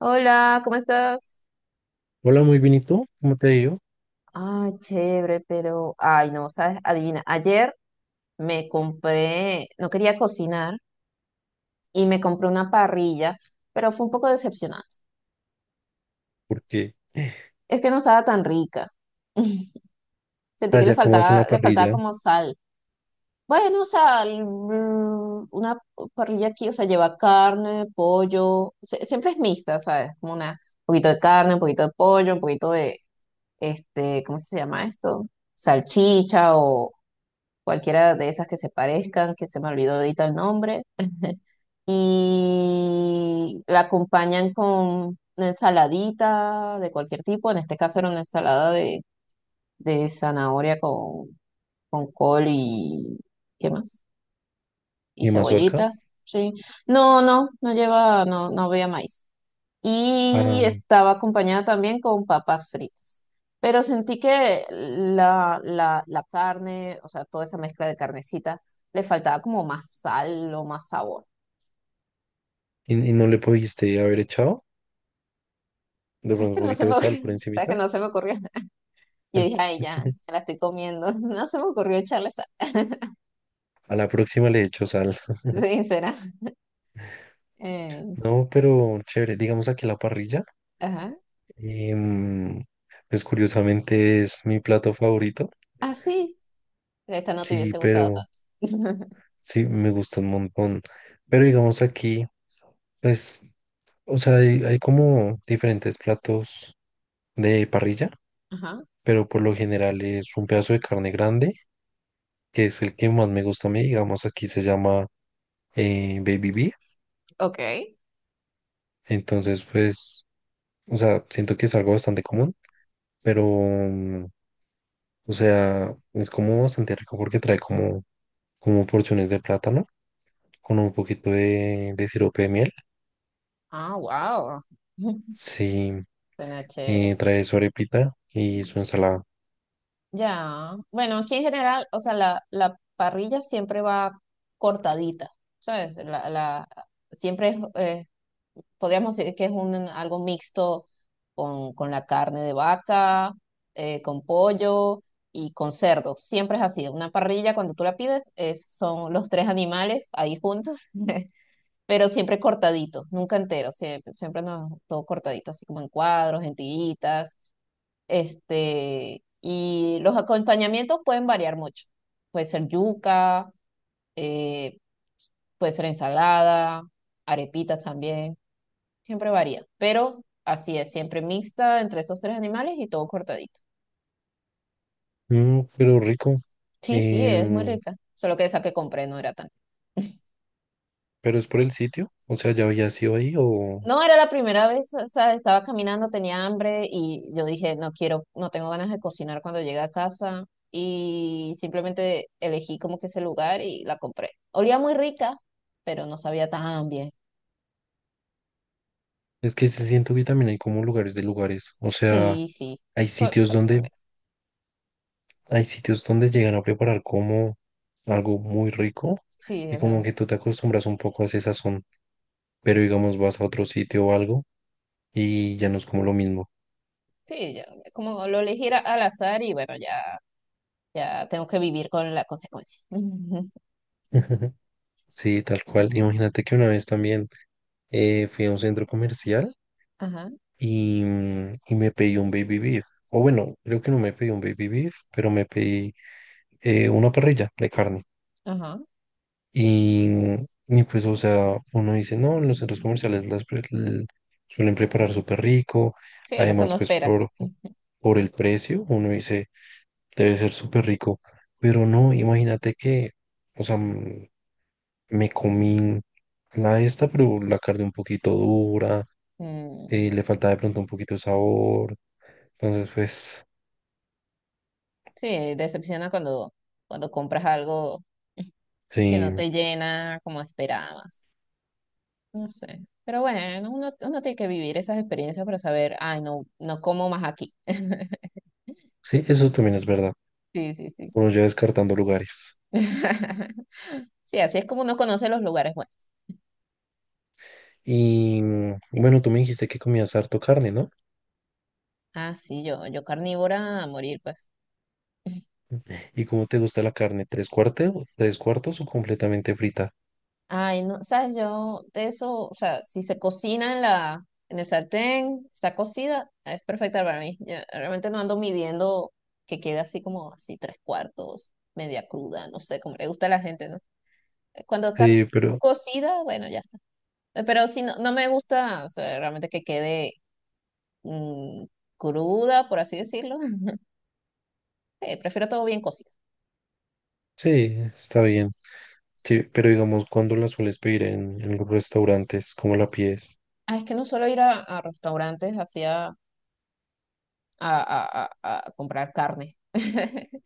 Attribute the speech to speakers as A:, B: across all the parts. A: Hola, ¿cómo estás?
B: Hola, muy bien, ¿y tú? ¿Cómo te ha ido?
A: Chévere, pero, ay, no, sabes, adivina, ayer no quería cocinar y me compré una parrilla, pero fue un poco decepcionante.
B: Porque
A: Es que no estaba tan rica. Sentí que
B: allá como hacen la
A: le faltaba
B: parrilla
A: como sal. Bueno, sal, una parrilla aquí, o sea, lleva carne, pollo, siempre es mixta, ¿sabes? Como un poquito de carne, un poquito de pollo, un poquito de, este, ¿cómo se llama esto? Salchicha, cualquiera de esas que se parezcan, que se me olvidó ahorita el nombre, y la acompañan con una ensaladita de cualquier tipo. En este caso era una ensalada de zanahoria con col y ¿qué más? Y
B: y
A: cebollita,
B: mazorca,
A: sí. No, no, no lleva, no, no había maíz y
B: ah,
A: estaba acompañada también con papas fritas. Pero sentí que la carne, o sea, toda esa mezcla de carnecita, le faltaba como más sal o más sabor.
B: y, no le pudiste haber echado de
A: ¿Sabes
B: pronto
A: que
B: un
A: no se
B: poquito
A: me
B: de
A: ocurrió?
B: sal por
A: ¿Sabes que
B: encimita.
A: no se me ocurrió? Yo dije, ay, ya, me la estoy comiendo. No se me ocurrió echarle sal,
B: A la próxima le echo sal.
A: sincera. Eh,
B: No, pero chévere, digamos aquí la parrilla,
A: ajá.
B: em, pues curiosamente es mi plato favorito.
A: Ah, sí, esta no te
B: Sí,
A: hubiese gustado
B: pero
A: tanto.
B: sí, me gusta un montón. Pero digamos aquí, pues, o sea, hay como diferentes platos de parrilla.
A: Ajá,
B: Pero por lo general es un pedazo de carne grande, que es el que más me gusta a mí, digamos, aquí se llama baby beef.
A: ok.
B: Entonces pues, o sea, siento que es algo bastante común, pero, o sea, es como bastante rico porque trae como, como porciones de plátano con un poquito de sirope de miel,
A: Ah, wow.
B: sí,
A: Suena chévere.
B: trae su arepita y su ensalada.
A: Ya, bueno, aquí en general, o sea, la parrilla siempre va cortadita, ¿sabes? Siempre es, podríamos decir que es un, algo mixto con la carne de vaca, con pollo y con cerdo. Siempre es así. Una parrilla, cuando tú la pides, es, son los tres animales ahí juntos, pero siempre cortadito, nunca entero, siempre, siempre no, todo cortadito, así como en cuadros, en tiritas, este, y los acompañamientos pueden variar mucho. Puede ser yuca, eh, puede ser ensalada, arepitas también. Siempre varía. Pero así es, siempre mixta entre esos tres animales y todo cortadito.
B: Mm, pero rico.
A: Sí, sí, es muy
B: Em,
A: rica. Solo que esa que compré no era tan.
B: pero es por el sitio, o sea, ¿ya había sido ahí o...?
A: No, era la primera vez, o sea, estaba caminando, tenía hambre y yo dije, no quiero, no tengo ganas de cocinar cuando llegue a casa y simplemente elegí como que ese lugar y la compré. Olía muy rica, pero no sabía tan bien.
B: Es que se siento que también hay como lugares de lugares, o sea,
A: Sí, sí,
B: hay
A: fue,
B: sitios
A: fue- fue
B: donde,
A: mi-
B: hay sitios donde llegan a preparar como algo muy rico
A: sí,
B: y
A: es
B: como
A: verdad.
B: que tú te acostumbras un poco a ese sazón, pero digamos vas a otro sitio o algo y ya no es como lo mismo.
A: Sí, ya, como lo elegí era al azar y bueno, ya, ya tengo que vivir con la consecuencia.
B: Sí, tal cual. Imagínate que una vez también fui a un centro comercial
A: Ajá,
B: y, y me pedí un baby beef, o bueno, creo que no me pedí un baby beef, pero me pedí una parrilla de carne.
A: ajá.
B: Y, y pues, o sea, uno dice, no, en los centros comerciales suelen preparar súper rico.
A: Sí, es lo que
B: Además,
A: no
B: pues
A: espera. Ujú.
B: por el precio, uno dice, debe ser súper rico. Pero no, imagínate que, o sea, me comí la esta, pero la carne un poquito dura,
A: Mm,
B: le faltaba de pronto un poquito de sabor. Entonces, pues,
A: sí, decepciona cuando compras algo que
B: sí,
A: no te llena como esperabas. No sé. Pero bueno, uno tiene que vivir esas experiencias para saber, ay, no, no como más aquí.
B: sí, eso también es verdad.
A: Sí, sí, sí, sí.
B: Uno ya descartando lugares.
A: Sí, así es como uno conoce los lugares buenos.
B: Y bueno, tú me dijiste que comías harto carne, ¿no?
A: Ah, sí, yo carnívora a morir, pues.
B: ¿Y cómo te gusta la carne? Tres cuartos o completamente frita?
A: Ay, no, sabes, yo de eso, o sea, si se cocina en en el sartén, está cocida, es perfecta para mí. Yo realmente no ando midiendo que quede así como así tres cuartos, media cruda, no sé, como le gusta a la gente, ¿no? Cuando está
B: Sí, pero
A: cocida, bueno, ya está. Pero si no, no me gusta, o sea, realmente que quede mm, cruda, por así decirlo. Prefiero todo bien cocido.
B: sí, está bien. Sí, pero digamos, ¿cuándo la sueles pedir en los restaurantes? ¿Cómo la pides?
A: Ah, es que no suelo ir a restaurantes así a comprar carne.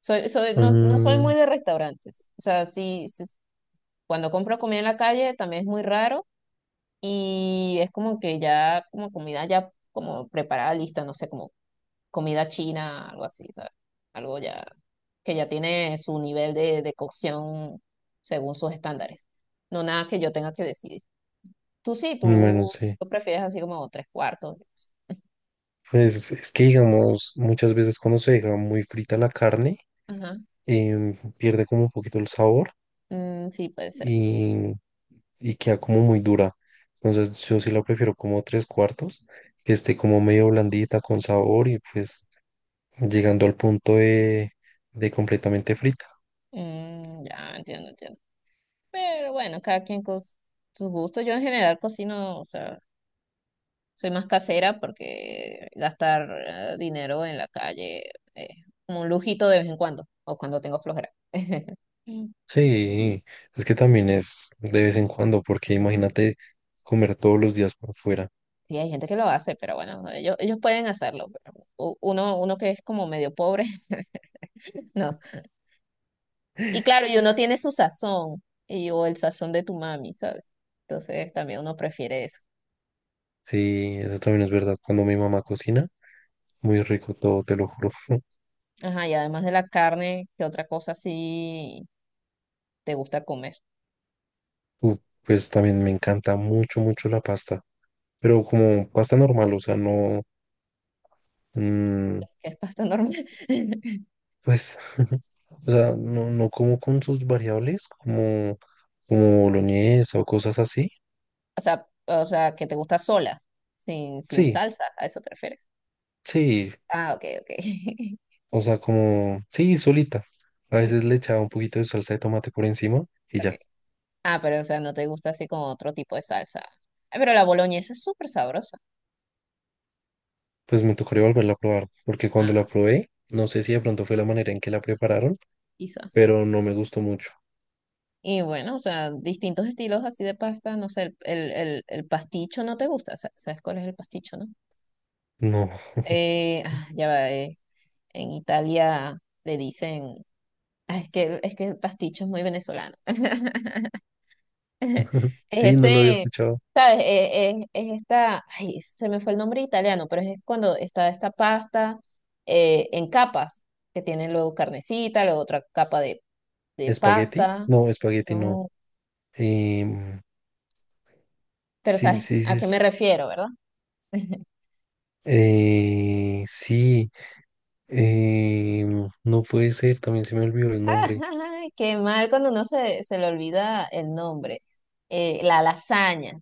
A: No, no soy muy
B: Mm,
A: de restaurantes. O sea, sí, sí, cuando compro comida en la calle también es muy raro y es como que ya, como comida ya como preparada, lista, no sé, como comida china, algo así, ¿sabes? Algo ya que ya tiene su nivel de cocción según sus estándares. No nada que yo tenga que decidir. Tú sí,
B: bueno,
A: tú
B: sí.
A: lo prefieres así como tres cuartos. Yo qué sé.
B: Pues es que digamos, muchas veces cuando se deja muy frita la carne,
A: Ajá.
B: pierde como un poquito el sabor.
A: Mm, sí, puede ser.
B: Y queda como muy dura. Entonces yo sí la prefiero como tres cuartos, que esté como medio blandita con sabor y pues llegando al punto de completamente frita.
A: Mm, ya, entiendo, entiendo. Pero bueno, cada quien con sus gustos. Yo en general cocino, o sea, soy más casera porque gastar dinero en la calle es como un lujito de vez en cuando, o cuando tengo flojera.
B: Sí, es que también es de vez en cuando, porque imagínate comer todos los días por fuera.
A: Sí, hay gente que lo hace, pero bueno, no, ellos pueden hacerlo. Pero uno que es como medio pobre, no. Y claro, y uno tiene su sazón, y, o el sazón de tu mami, ¿sabes? Entonces también uno prefiere eso.
B: Sí, eso también es verdad. Cuando mi mamá cocina, muy rico todo, te lo juro.
A: Ajá, y además de la carne, ¿qué otra cosa sí te gusta comer?
B: Uh, pues también me encanta mucho, mucho la pasta, pero como pasta normal, o sea, no, mm.
A: Que es pasta normal.
B: Pues, o sea, no, no como con sus variables, como, como boloñesa o cosas así.
A: O sea, que te gusta sola, sin, sin
B: Sí,
A: salsa, ¿a eso te refieres?
B: sí,
A: Ah, ok, ok.
B: o sea, como, sí, solita. A
A: Sí,
B: veces le echaba un poquito de salsa de tomate por encima y
A: ok.
B: ya.
A: Ah, pero o sea, no te gusta así con otro tipo de salsa. Ay, pero la boloñesa es súper sabrosa.
B: Pues me tocaría volverla a probar, porque cuando la
A: Ah,
B: probé, no sé si de pronto fue la manera en que la prepararon,
A: quizás.
B: pero no me gustó mucho.
A: Y bueno, o sea, distintos estilos así de pasta, no sé, el pasticho no te gusta, ¿sabes cuál es el pasticho, no?
B: No,
A: Ya va, en Italia le dicen, "Ah, es que el pasticho es muy venezolano". Es
B: sí, no lo había
A: Este,
B: escuchado.
A: ¿sabes? Esta, ay, se me fue el nombre italiano, pero es cuando está esta pasta en capas, que tiene luego carnecita, luego otra capa de
B: ¿Espagueti?
A: pasta.
B: No, espagueti no.
A: No.
B: Em,
A: Pero
B: sí,
A: sabes
B: sí,
A: a
B: sí.
A: qué me refiero, ¿verdad?
B: Sí. Eh, no puede ser, también se me olvidó el nombre.
A: Ay, qué mal cuando uno se le olvida el nombre. La lasaña.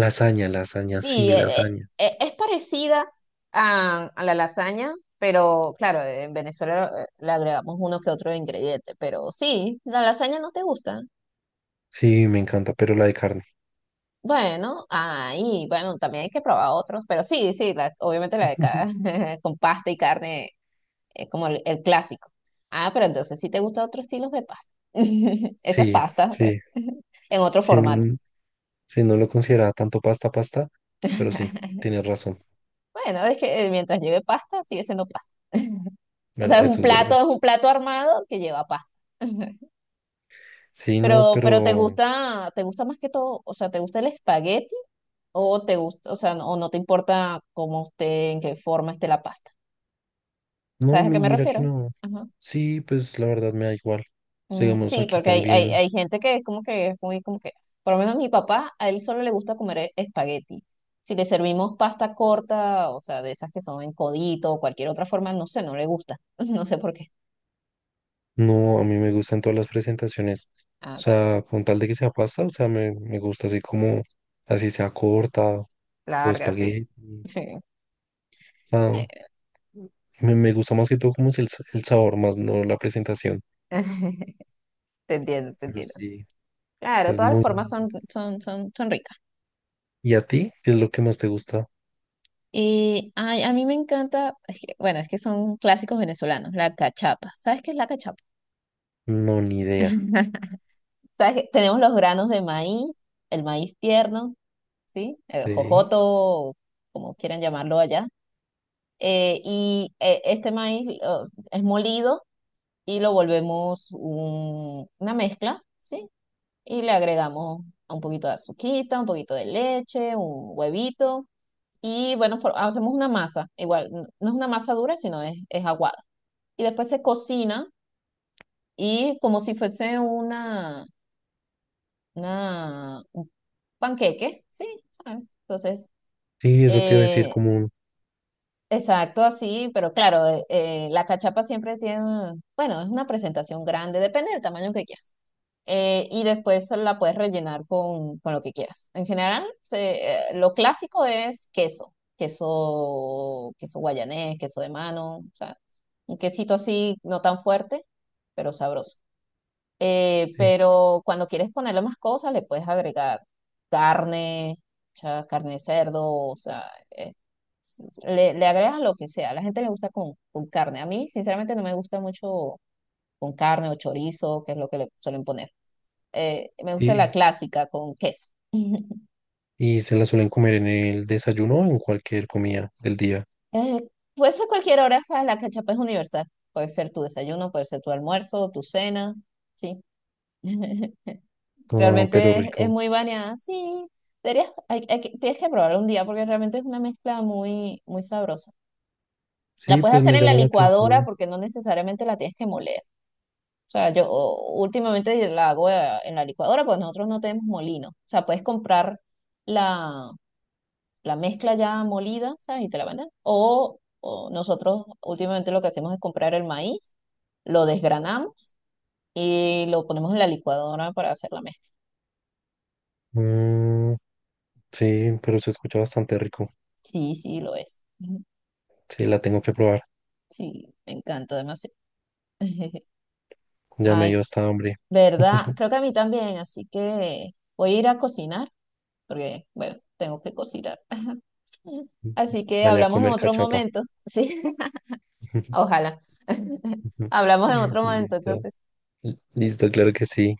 B: Lasaña,
A: Sí,
B: lasaña.
A: es parecida a la lasaña, pero claro, en Venezuela le agregamos uno que otro ingrediente. Pero sí, la lasaña no te gusta.
B: Sí, me encanta, pero la de carne.
A: Bueno, ahí, bueno, también hay que probar otros, pero sí, sí, obviamente la de acá, con pasta y carne, como el clásico. Ah, pero entonces sí te gustan otros estilos de pasta. Esas
B: Sí,
A: pastas, pues,
B: sí,
A: en otro
B: sí,
A: formato.
B: sí, no lo consideraba tanto pasta, pasta, pero sí, tienes razón.
A: Bueno, es que mientras lleve pasta, sigue siendo pasta. O
B: Bueno,
A: sea,
B: eso es verdad.
A: es un plato armado que lleva pasta.
B: Sí, no,
A: Pero
B: pero
A: te gusta más que todo, o sea, ¿te gusta el espagueti o te gusta, o sea, o no te importa cómo esté, en qué forma esté la pasta?
B: no,
A: ¿Sabes a qué me
B: mira que
A: refiero?
B: no.
A: Ajá.
B: Sí, pues la verdad me da igual.
A: Mm,
B: Seguimos
A: sí,
B: aquí
A: porque
B: también.
A: hay gente que es como que es muy como que, por lo menos mi papá, a él solo le gusta comer espagueti. Si le servimos pasta corta, o sea, de esas que son en codito o cualquier otra forma, no sé, no le gusta. No sé por qué.
B: No, a mí me gustan todas las presentaciones.
A: Ah,
B: O
A: está bien.
B: sea, con tal de que sea pasta, o sea, me gusta así como, así sea corta o
A: Larga, sí.
B: espagueti. O
A: Sí.
B: sea, me gusta más que todo como es el, el sabor, más no la presentación.
A: Te entiendo, te
B: Pero
A: entiendo.
B: sí,
A: Claro,
B: es
A: todas las
B: muy...
A: formas son, son, son, son ricas.
B: ¿Y a ti? ¿Qué es lo que más te gusta?
A: Y ay, a mí me encanta, bueno, es que son clásicos venezolanos, la cachapa. ¿Sabes qué es la cachapa?
B: No, ni idea.
A: Sea, que tenemos los granos de maíz, el maíz tierno, ¿sí?
B: Sí,
A: Jojoto, o como quieran llamarlo allá. Este maíz es molido y lo volvemos una mezcla, ¿sí? Y le agregamos un poquito de azuquita, un poquito de leche, un huevito. Y bueno, hacemos una masa. Igual, no es una masa dura, sino es aguada. Y después se cocina y como si fuese una panqueque, sí, ¿sabes? Entonces,
B: sí, eso te iba a decir
A: eh,
B: como... un-
A: exacto, así, pero claro, la cachapa siempre tiene, bueno, es una presentación grande, depende del tamaño que quieras. Y después la puedes rellenar con lo que quieras. En general, lo clásico es queso, queso, queso guayanés, queso de mano, o sea, un quesito así, no tan fuerte, pero sabroso.
B: Sí.
A: Pero cuando quieres ponerle más cosas, le puedes agregar carne, o carne de cerdo, o sea, eh, le, le agregas lo que sea. A la gente le gusta con carne. A mí, sinceramente, no me gusta mucho con carne o chorizo, que es lo que le suelen poner. Me gusta la
B: Y,
A: clásica con queso.
B: y se la suelen comer en el desayuno o en cualquier comida del día.
A: Eh, puede ser cualquier hora, ¿sabes? La cachapa es universal. Puede ser tu desayuno, puede ser tu almuerzo, tu cena, ¿sí?
B: Ah, pero
A: Realmente es
B: rico.
A: muy bañada. Sí, deberías, tienes que probarla un día porque realmente es una mezcla muy, muy sabrosa. La
B: Sí,
A: puedes
B: pues
A: hacer
B: me
A: en la
B: llama la
A: licuadora
B: atención.
A: porque no necesariamente la tienes que moler. O sea, últimamente la hago en la licuadora porque nosotros no tenemos molino. O sea, puedes comprar la, la mezcla ya molida, ¿sabes? Y te la mandan. O nosotros últimamente lo que hacemos es comprar el maíz, lo desgranamos y lo ponemos en la licuadora para hacer la mezcla.
B: Mm, sí, pero se escucha bastante rico.
A: Sí, sí, lo es.
B: Sí, la tengo que probar.
A: Sí, me encanta demasiado.
B: Ya me dio
A: Ay,
B: esta hambre.
A: ¿verdad? Creo que a mí también, así que voy a ir a cocinar, porque, bueno, tengo que cocinar. Así que
B: Dale a
A: hablamos en
B: comer
A: otro
B: cachapa.
A: momento, ¿sí? Ojalá. Hablamos en otro momento,
B: Listo.
A: entonces.
B: Listo, claro que sí.